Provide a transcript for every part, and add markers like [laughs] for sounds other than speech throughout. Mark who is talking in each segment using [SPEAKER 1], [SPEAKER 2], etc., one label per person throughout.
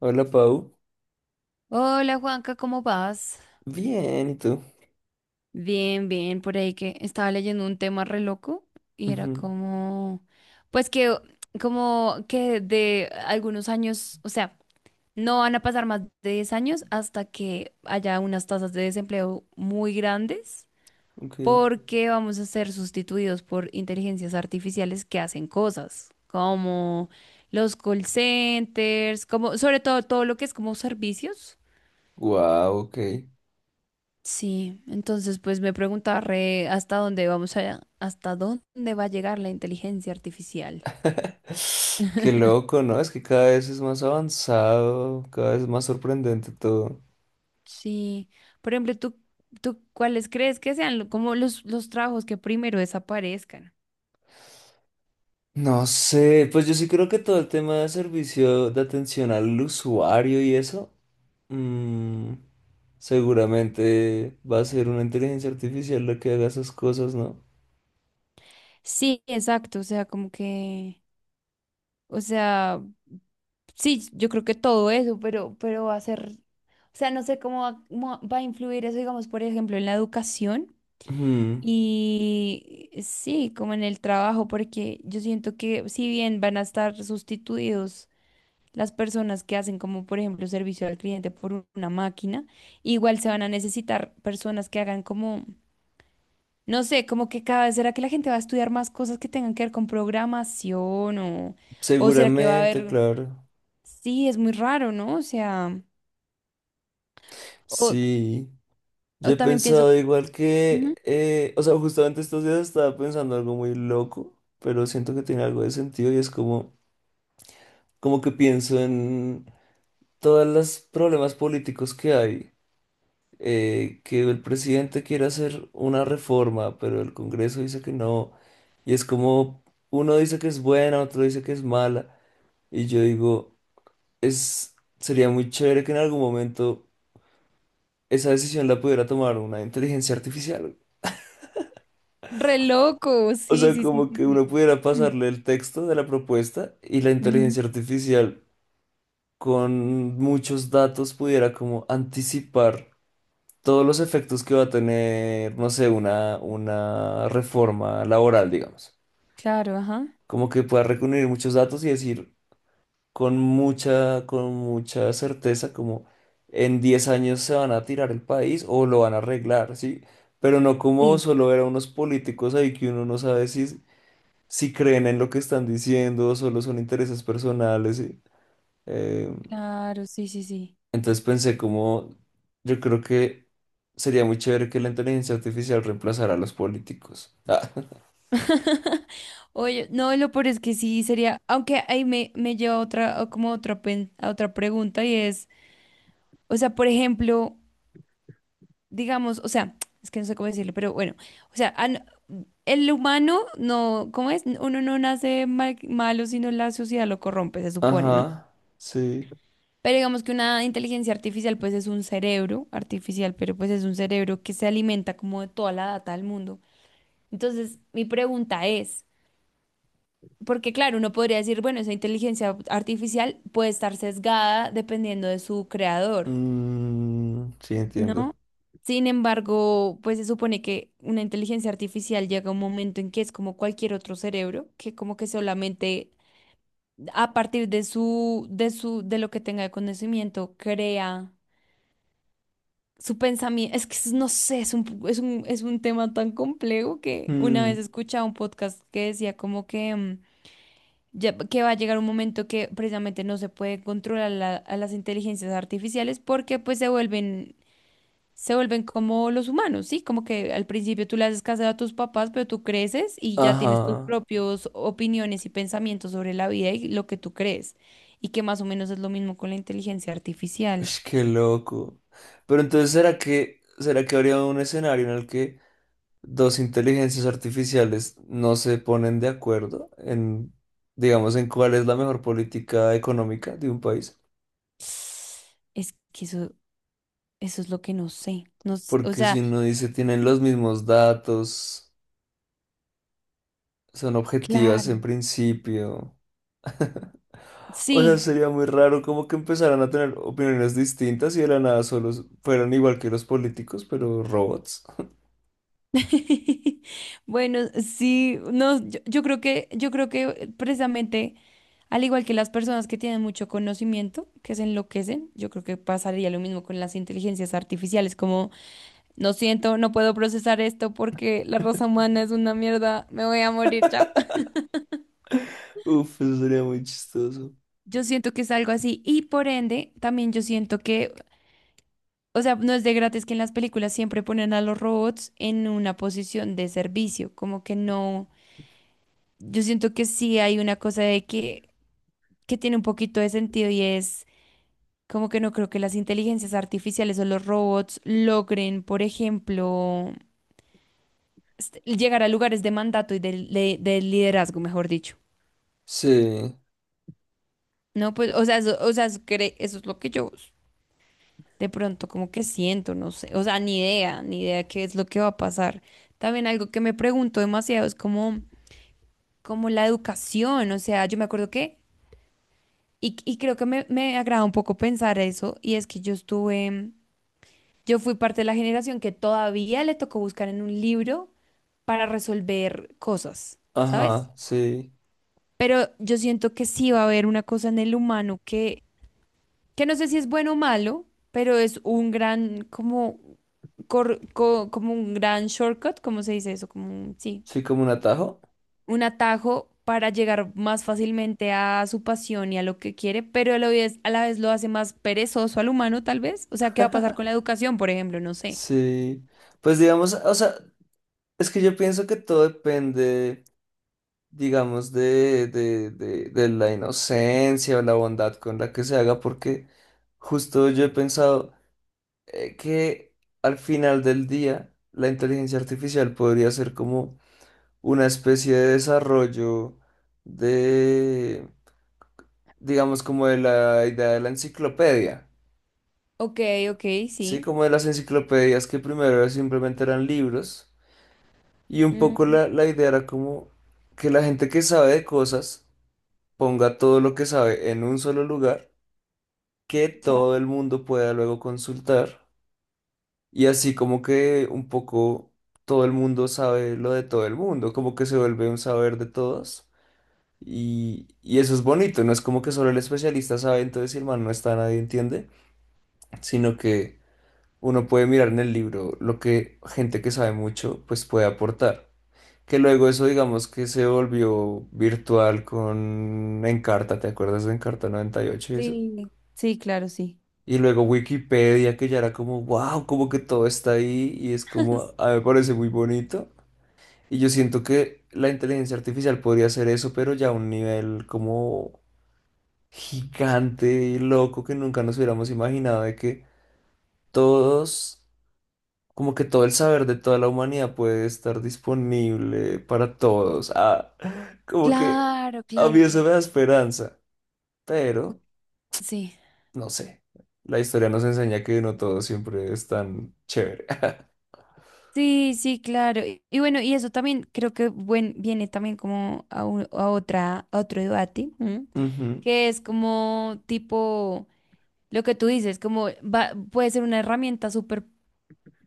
[SPEAKER 1] Hola, Pau.
[SPEAKER 2] Hola Juanca, ¿cómo vas?
[SPEAKER 1] Bien, ¿y tú?
[SPEAKER 2] Bien, bien, por ahí que estaba leyendo un tema re loco y era
[SPEAKER 1] Ujú,
[SPEAKER 2] como, pues que, como que de algunos años, o sea, no van a pasar más de 10 años hasta que haya unas tasas de desempleo muy grandes
[SPEAKER 1] ok.
[SPEAKER 2] porque vamos a ser sustituidos por inteligencias artificiales que hacen cosas como los call centers, como sobre todo, todo lo que es como servicios.
[SPEAKER 1] Wow, ok.
[SPEAKER 2] Sí, entonces pues me preguntaba re hasta dónde va a llegar la inteligencia artificial.
[SPEAKER 1] [laughs] Qué loco, ¿no? Es que cada vez es más avanzado, cada vez es más sorprendente todo.
[SPEAKER 2] Sí, por ejemplo, ¿tú cuáles crees que sean como los trabajos que primero desaparezcan?
[SPEAKER 1] No sé, pues yo sí creo que todo el tema de servicio de atención al usuario y eso, mm, seguramente va a ser una inteligencia artificial la que haga esas cosas, ¿no?
[SPEAKER 2] Sí, exacto, o sea, como que, o sea, sí, yo creo que todo eso, pero, va a ser, o sea, no sé cómo va a influir eso, digamos, por ejemplo, en la educación.
[SPEAKER 1] Ujú,
[SPEAKER 2] Y sí, como en el trabajo, porque yo siento que si bien van a estar sustituidos las personas que hacen como por ejemplo servicio al cliente por una máquina, igual se van a necesitar personas que hagan como, no sé, como que cada vez será que la gente va a estudiar más cosas que tengan que ver con programación o será que va a
[SPEAKER 1] seguramente,
[SPEAKER 2] haber,
[SPEAKER 1] claro.
[SPEAKER 2] sí, es muy raro, ¿no? O sea, o,
[SPEAKER 1] Sí. Yo
[SPEAKER 2] o
[SPEAKER 1] he
[SPEAKER 2] también pienso,
[SPEAKER 1] pensado igual que,
[SPEAKER 2] ujú.
[SPEAKER 1] o sea, justamente estos días estaba pensando algo muy loco, pero siento que tiene algo de sentido y es como, como que pienso en todos los problemas políticos que hay, que el presidente quiere hacer una reforma, pero el Congreso dice que no, y es como, uno dice que es buena, otro dice que es mala, y yo digo, es, sería muy chévere que en algún momento esa decisión la pudiera tomar una inteligencia artificial.
[SPEAKER 2] Re loco,
[SPEAKER 1] O
[SPEAKER 2] sí,
[SPEAKER 1] sea,
[SPEAKER 2] sí, sí,
[SPEAKER 1] como
[SPEAKER 2] sí,
[SPEAKER 1] que
[SPEAKER 2] sí.
[SPEAKER 1] uno pudiera
[SPEAKER 2] [clears throat]
[SPEAKER 1] pasarle el texto de la propuesta y la
[SPEAKER 2] Ujú,
[SPEAKER 1] inteligencia artificial con muchos datos pudiera como anticipar todos los efectos que va a tener, no sé, una reforma laboral, digamos.
[SPEAKER 2] claro, ajá.
[SPEAKER 1] Como que pueda reunir muchos datos y decir con mucha certeza como en 10 años se van a tirar el país o lo van a arreglar, ¿sí? Pero no como solo ver a unos políticos ahí que uno no sabe si creen en lo que están diciendo, solo son intereses personales. Y, eh,
[SPEAKER 2] Claro, sí, sí, sí.
[SPEAKER 1] entonces pensé como, yo creo que sería muy chévere que la inteligencia artificial reemplazara a los políticos. Ah,
[SPEAKER 2] Oye, no, lo peor es que sí sería, aunque ahí me lleva a otra, a como otra, pen- a otra pregunta y es, o sea, por ejemplo, digamos, o sea, es que no sé cómo decirlo, pero bueno, o sea, el humano no, ¿cómo es? Uno no nace malo, sino la sociedad lo corrompe, se
[SPEAKER 1] [laughs]
[SPEAKER 2] supone, ¿no?
[SPEAKER 1] ajá, sí.
[SPEAKER 2] Pero digamos que una inteligencia artificial, pues es un cerebro artificial, pero pues es un cerebro que se alimenta como de toda la data del mundo. Entonces, mi pregunta es. Porque claro, uno podría decir, bueno, esa inteligencia artificial puede estar sesgada dependiendo de su creador,
[SPEAKER 1] Mm, sí, entiendo.
[SPEAKER 2] ¿no? Sin embargo, pues se supone que una inteligencia artificial llega a un momento en que es como cualquier otro cerebro, que como que solamente a partir de lo que tenga de conocimiento, crea su pensamiento. Es que no sé, es un tema tan complejo que una
[SPEAKER 1] Mm,
[SPEAKER 2] vez escuchaba un podcast que decía como que ya que va a llegar un momento que precisamente no se puede controlar a las inteligencias artificiales porque pues se vuelven como los humanos, ¿sí? Como que al principio tú le haces caso a tus papás, pero tú creces y ya tienes tus
[SPEAKER 1] ajá,
[SPEAKER 2] propios opiniones y pensamientos sobre la vida y lo que tú crees. Y que más o menos es lo mismo con la inteligencia artificial.
[SPEAKER 1] es que loco. Pero entonces, será que habría un escenario en el que dos inteligencias artificiales no se ponen de acuerdo en, digamos, en cuál es la mejor política económica de un país,
[SPEAKER 2] Es que eso es lo que no sé. No, o
[SPEAKER 1] porque
[SPEAKER 2] sea,
[SPEAKER 1] si uno dice tienen los mismos datos, son objetivas
[SPEAKER 2] claro,
[SPEAKER 1] en principio, [laughs] o sea,
[SPEAKER 2] sí.
[SPEAKER 1] sería muy raro como que empezaran a tener opiniones distintas y de la nada solo fueran igual que los políticos, pero robots?
[SPEAKER 2] [laughs] Bueno, sí, no, yo creo que precisamente, al igual que las personas que tienen mucho conocimiento, que se enloquecen, yo creo que pasaría lo mismo con las inteligencias artificiales, como no siento, no puedo procesar esto porque la raza humana es una mierda, me voy a morir, chao. [laughs]
[SPEAKER 1] Uf, eso sería muy chistoso.
[SPEAKER 2] Yo siento que es algo así y por ende, también yo siento que, o sea, no es de gratis que en las películas siempre ponen a los robots en una posición de servicio, como que no. Yo siento que sí hay una cosa de que tiene un poquito de sentido y es como que no creo que las inteligencias artificiales o los robots logren, por ejemplo, llegar a lugares de mandato y de liderazgo, mejor dicho.
[SPEAKER 1] Sí,
[SPEAKER 2] No, pues, o sea, eso, eso es lo que yo de pronto como que siento, no sé, o sea, ni idea, ni idea qué es lo que va a pasar. También algo que me pregunto demasiado es como, la educación, o sea, yo me acuerdo que, y creo que me agrada un poco pensar eso, y es que yo fui parte de la generación que todavía le tocó buscar en un libro para resolver cosas, ¿sabes?
[SPEAKER 1] ajá, sí.
[SPEAKER 2] Pero yo siento que sí va a haber una cosa en el humano que no sé si es bueno o malo, pero es un gran, como, como un gran shortcut, ¿cómo se dice eso? Como un, sí,
[SPEAKER 1] Sí, como un atajo.
[SPEAKER 2] un atajo para llegar más fácilmente a su pasión y a lo que quiere, pero a la vez lo hace más perezoso al humano, tal vez. O sea, ¿qué va a pasar con la educación, por ejemplo? No sé.
[SPEAKER 1] Sí, pues digamos, o sea, es que yo pienso que todo depende, digamos, de, de la inocencia o la bondad con la que se haga, porque justo yo he pensado que al final del día la inteligencia artificial podría ser como una especie de desarrollo de, digamos, como de la idea de la enciclopedia,
[SPEAKER 2] Ok, ok,
[SPEAKER 1] ¿sí?
[SPEAKER 2] sí.
[SPEAKER 1] Como de las enciclopedias que primero simplemente eran libros. Y un poco
[SPEAKER 2] Mm.
[SPEAKER 1] la idea era como que la gente que sabe de cosas ponga todo lo que sabe en un solo lugar, que
[SPEAKER 2] Claro,
[SPEAKER 1] todo el mundo pueda luego consultar. Y así como que un poco todo el mundo sabe lo de todo el mundo, como que se vuelve un saber de todos. Y eso es bonito, no es como que solo el especialista sabe, entonces si el man no está, nadie entiende, sino que uno puede mirar en el libro lo que gente que sabe mucho pues puede aportar. Que luego eso digamos que se volvió virtual con Encarta, ¿te acuerdas de Encarta 98 y ocho y eso?
[SPEAKER 2] sí, sí, claro, sí.
[SPEAKER 1] Y luego Wikipedia, que ya era como, wow, como que todo está ahí y es como,
[SPEAKER 2] [laughs]
[SPEAKER 1] a mí me parece muy bonito. Y yo siento que la inteligencia artificial podría hacer eso, pero ya a un nivel como gigante y loco que nunca nos hubiéramos imaginado de que todos, como que todo el saber de toda la humanidad puede estar disponible para todos. Ah, como que
[SPEAKER 2] Claro,
[SPEAKER 1] a
[SPEAKER 2] claro,
[SPEAKER 1] mí eso
[SPEAKER 2] claro.
[SPEAKER 1] me da esperanza, pero
[SPEAKER 2] Sí.
[SPEAKER 1] no sé. La historia nos enseña que no todo siempre es tan chévere.
[SPEAKER 2] Sí, sí, claro. Y bueno, y eso también creo que viene también como a, un- a otra, a otro debate, ¿m?
[SPEAKER 1] [laughs] Ujú,
[SPEAKER 2] Que es como tipo lo que tú dices, como puede ser una herramienta súper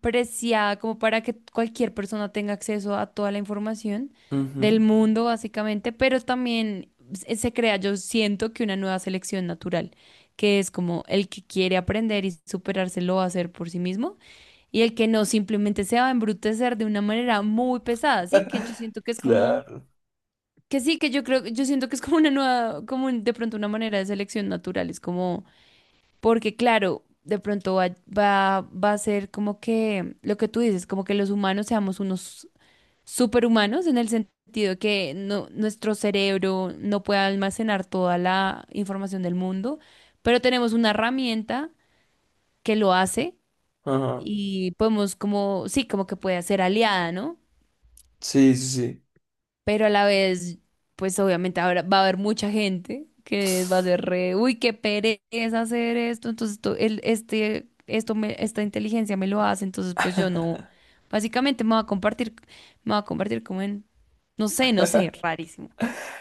[SPEAKER 2] preciada como para que cualquier persona tenga acceso a toda la información del
[SPEAKER 1] ujú.
[SPEAKER 2] mundo, básicamente, pero también se crea, yo siento que una nueva selección natural, que es como el que quiere aprender y superarse lo va a hacer por sí mismo, y el que no simplemente se va a embrutecer de una manera muy pesada, ¿sí? Que yo
[SPEAKER 1] [laughs]
[SPEAKER 2] siento que es como.
[SPEAKER 1] Claro.
[SPEAKER 2] Que sí, que yo creo, yo siento que es como una nueva, como de pronto una manera de selección natural, es como porque claro, de pronto va a ser como que lo que tú dices, como que los humanos seamos unos superhumanos en el sentido que no, nuestro cerebro no puede almacenar toda la información del mundo, pero tenemos una herramienta que lo hace
[SPEAKER 1] Ajá.
[SPEAKER 2] y podemos como, sí, como que puede ser aliada, ¿no?
[SPEAKER 1] Sí, sí,
[SPEAKER 2] Pero a la vez, pues obviamente ahora va a haber mucha gente que va a
[SPEAKER 1] sí.
[SPEAKER 2] ser re, uy, qué pereza hacer esto, entonces esto, el, este, esto me, esta inteligencia me lo hace, entonces pues yo no, básicamente me va a convertir como en, no sé, no sé, rarísimo.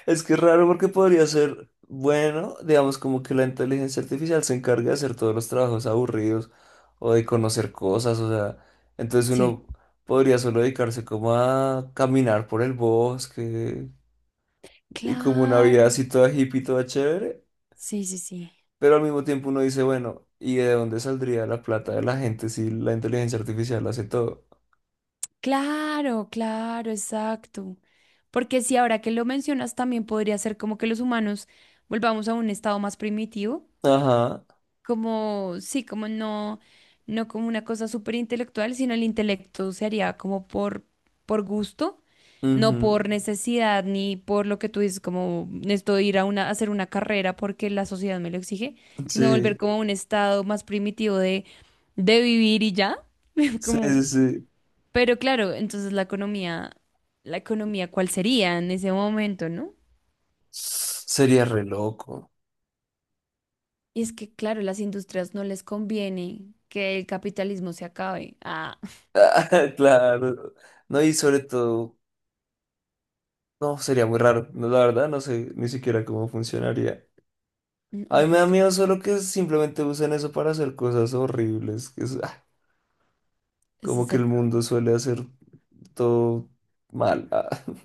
[SPEAKER 1] Es que es raro porque podría ser, bueno, digamos como que la inteligencia artificial se encarga de hacer todos los trabajos aburridos o de conocer cosas, o sea, entonces
[SPEAKER 2] Sí,
[SPEAKER 1] uno podría solo dedicarse como a caminar por el bosque y como una vida
[SPEAKER 2] claro,
[SPEAKER 1] así toda hippie, toda chévere,
[SPEAKER 2] sí, sí, sí.
[SPEAKER 1] pero al mismo tiempo uno dice, bueno, ¿y de dónde saldría la plata de la gente si la inteligencia artificial hace todo?
[SPEAKER 2] Claro, claro, exacto. Porque si ahora que lo mencionas también podría ser como que los humanos volvamos a un estado más primitivo
[SPEAKER 1] Ajá,
[SPEAKER 2] como, sí, como no, no como una cosa súper intelectual, sino el intelecto se haría como por gusto, no
[SPEAKER 1] ujú.
[SPEAKER 2] por necesidad ni por lo que tú dices, como necesito ir a hacer una carrera porque la sociedad me lo exige, sino volver
[SPEAKER 1] Sí,
[SPEAKER 2] como a un estado más primitivo de, vivir y ya, [laughs]
[SPEAKER 1] sí,
[SPEAKER 2] como,
[SPEAKER 1] sí, sí.
[SPEAKER 2] pero claro, entonces la economía, ¿cuál sería en ese momento, no?
[SPEAKER 1] Sería re loco.
[SPEAKER 2] Y es que, claro, las industrias no les conviene que el capitalismo se acabe. Ah.
[SPEAKER 1] Ah, [laughs] claro. No, y sobre todo, no, sería muy raro. No, la verdad, no sé ni siquiera cómo funcionaría. A
[SPEAKER 2] No,
[SPEAKER 1] mí me da
[SPEAKER 2] pues
[SPEAKER 1] miedo solo que simplemente usen eso para hacer cosas horribles. Que es, ah,
[SPEAKER 2] ese
[SPEAKER 1] como
[SPEAKER 2] es
[SPEAKER 1] que
[SPEAKER 2] el
[SPEAKER 1] el
[SPEAKER 2] problema.
[SPEAKER 1] mundo suele hacer todo mal. Ah, [laughs]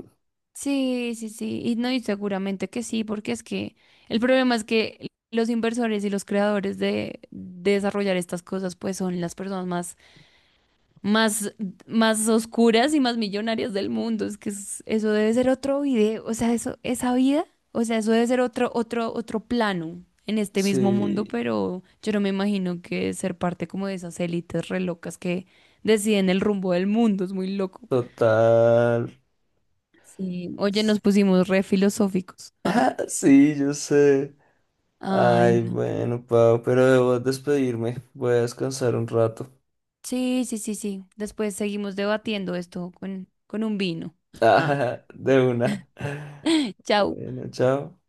[SPEAKER 2] Sí, sí, sí. Y no, y seguramente que sí, porque es que el problema es que los inversores y los creadores de desarrollar estas cosas, pues son las personas más, más, más oscuras y más millonarias del mundo. Es que eso debe ser otro video, o sea, eso, esa vida, o sea, eso debe ser otro, otro, otro plano en este mismo mundo,
[SPEAKER 1] sí,
[SPEAKER 2] pero yo no me imagino que ser parte como de esas élites re locas que deciden el rumbo del mundo. Es muy loco.
[SPEAKER 1] total.
[SPEAKER 2] Sí, oye, nos pusimos re filosóficos.
[SPEAKER 1] Ah, sí, yo sé.
[SPEAKER 2] Ay,
[SPEAKER 1] Ay,
[SPEAKER 2] no.
[SPEAKER 1] bueno, Pau, pero debo despedirme. Voy a descansar un rato. [laughs]
[SPEAKER 2] Sí, sí, sí, sí. Después seguimos debatiendo esto con, un vino. Ah,
[SPEAKER 1] Ah, de una.
[SPEAKER 2] chao.
[SPEAKER 1] Bueno, chao.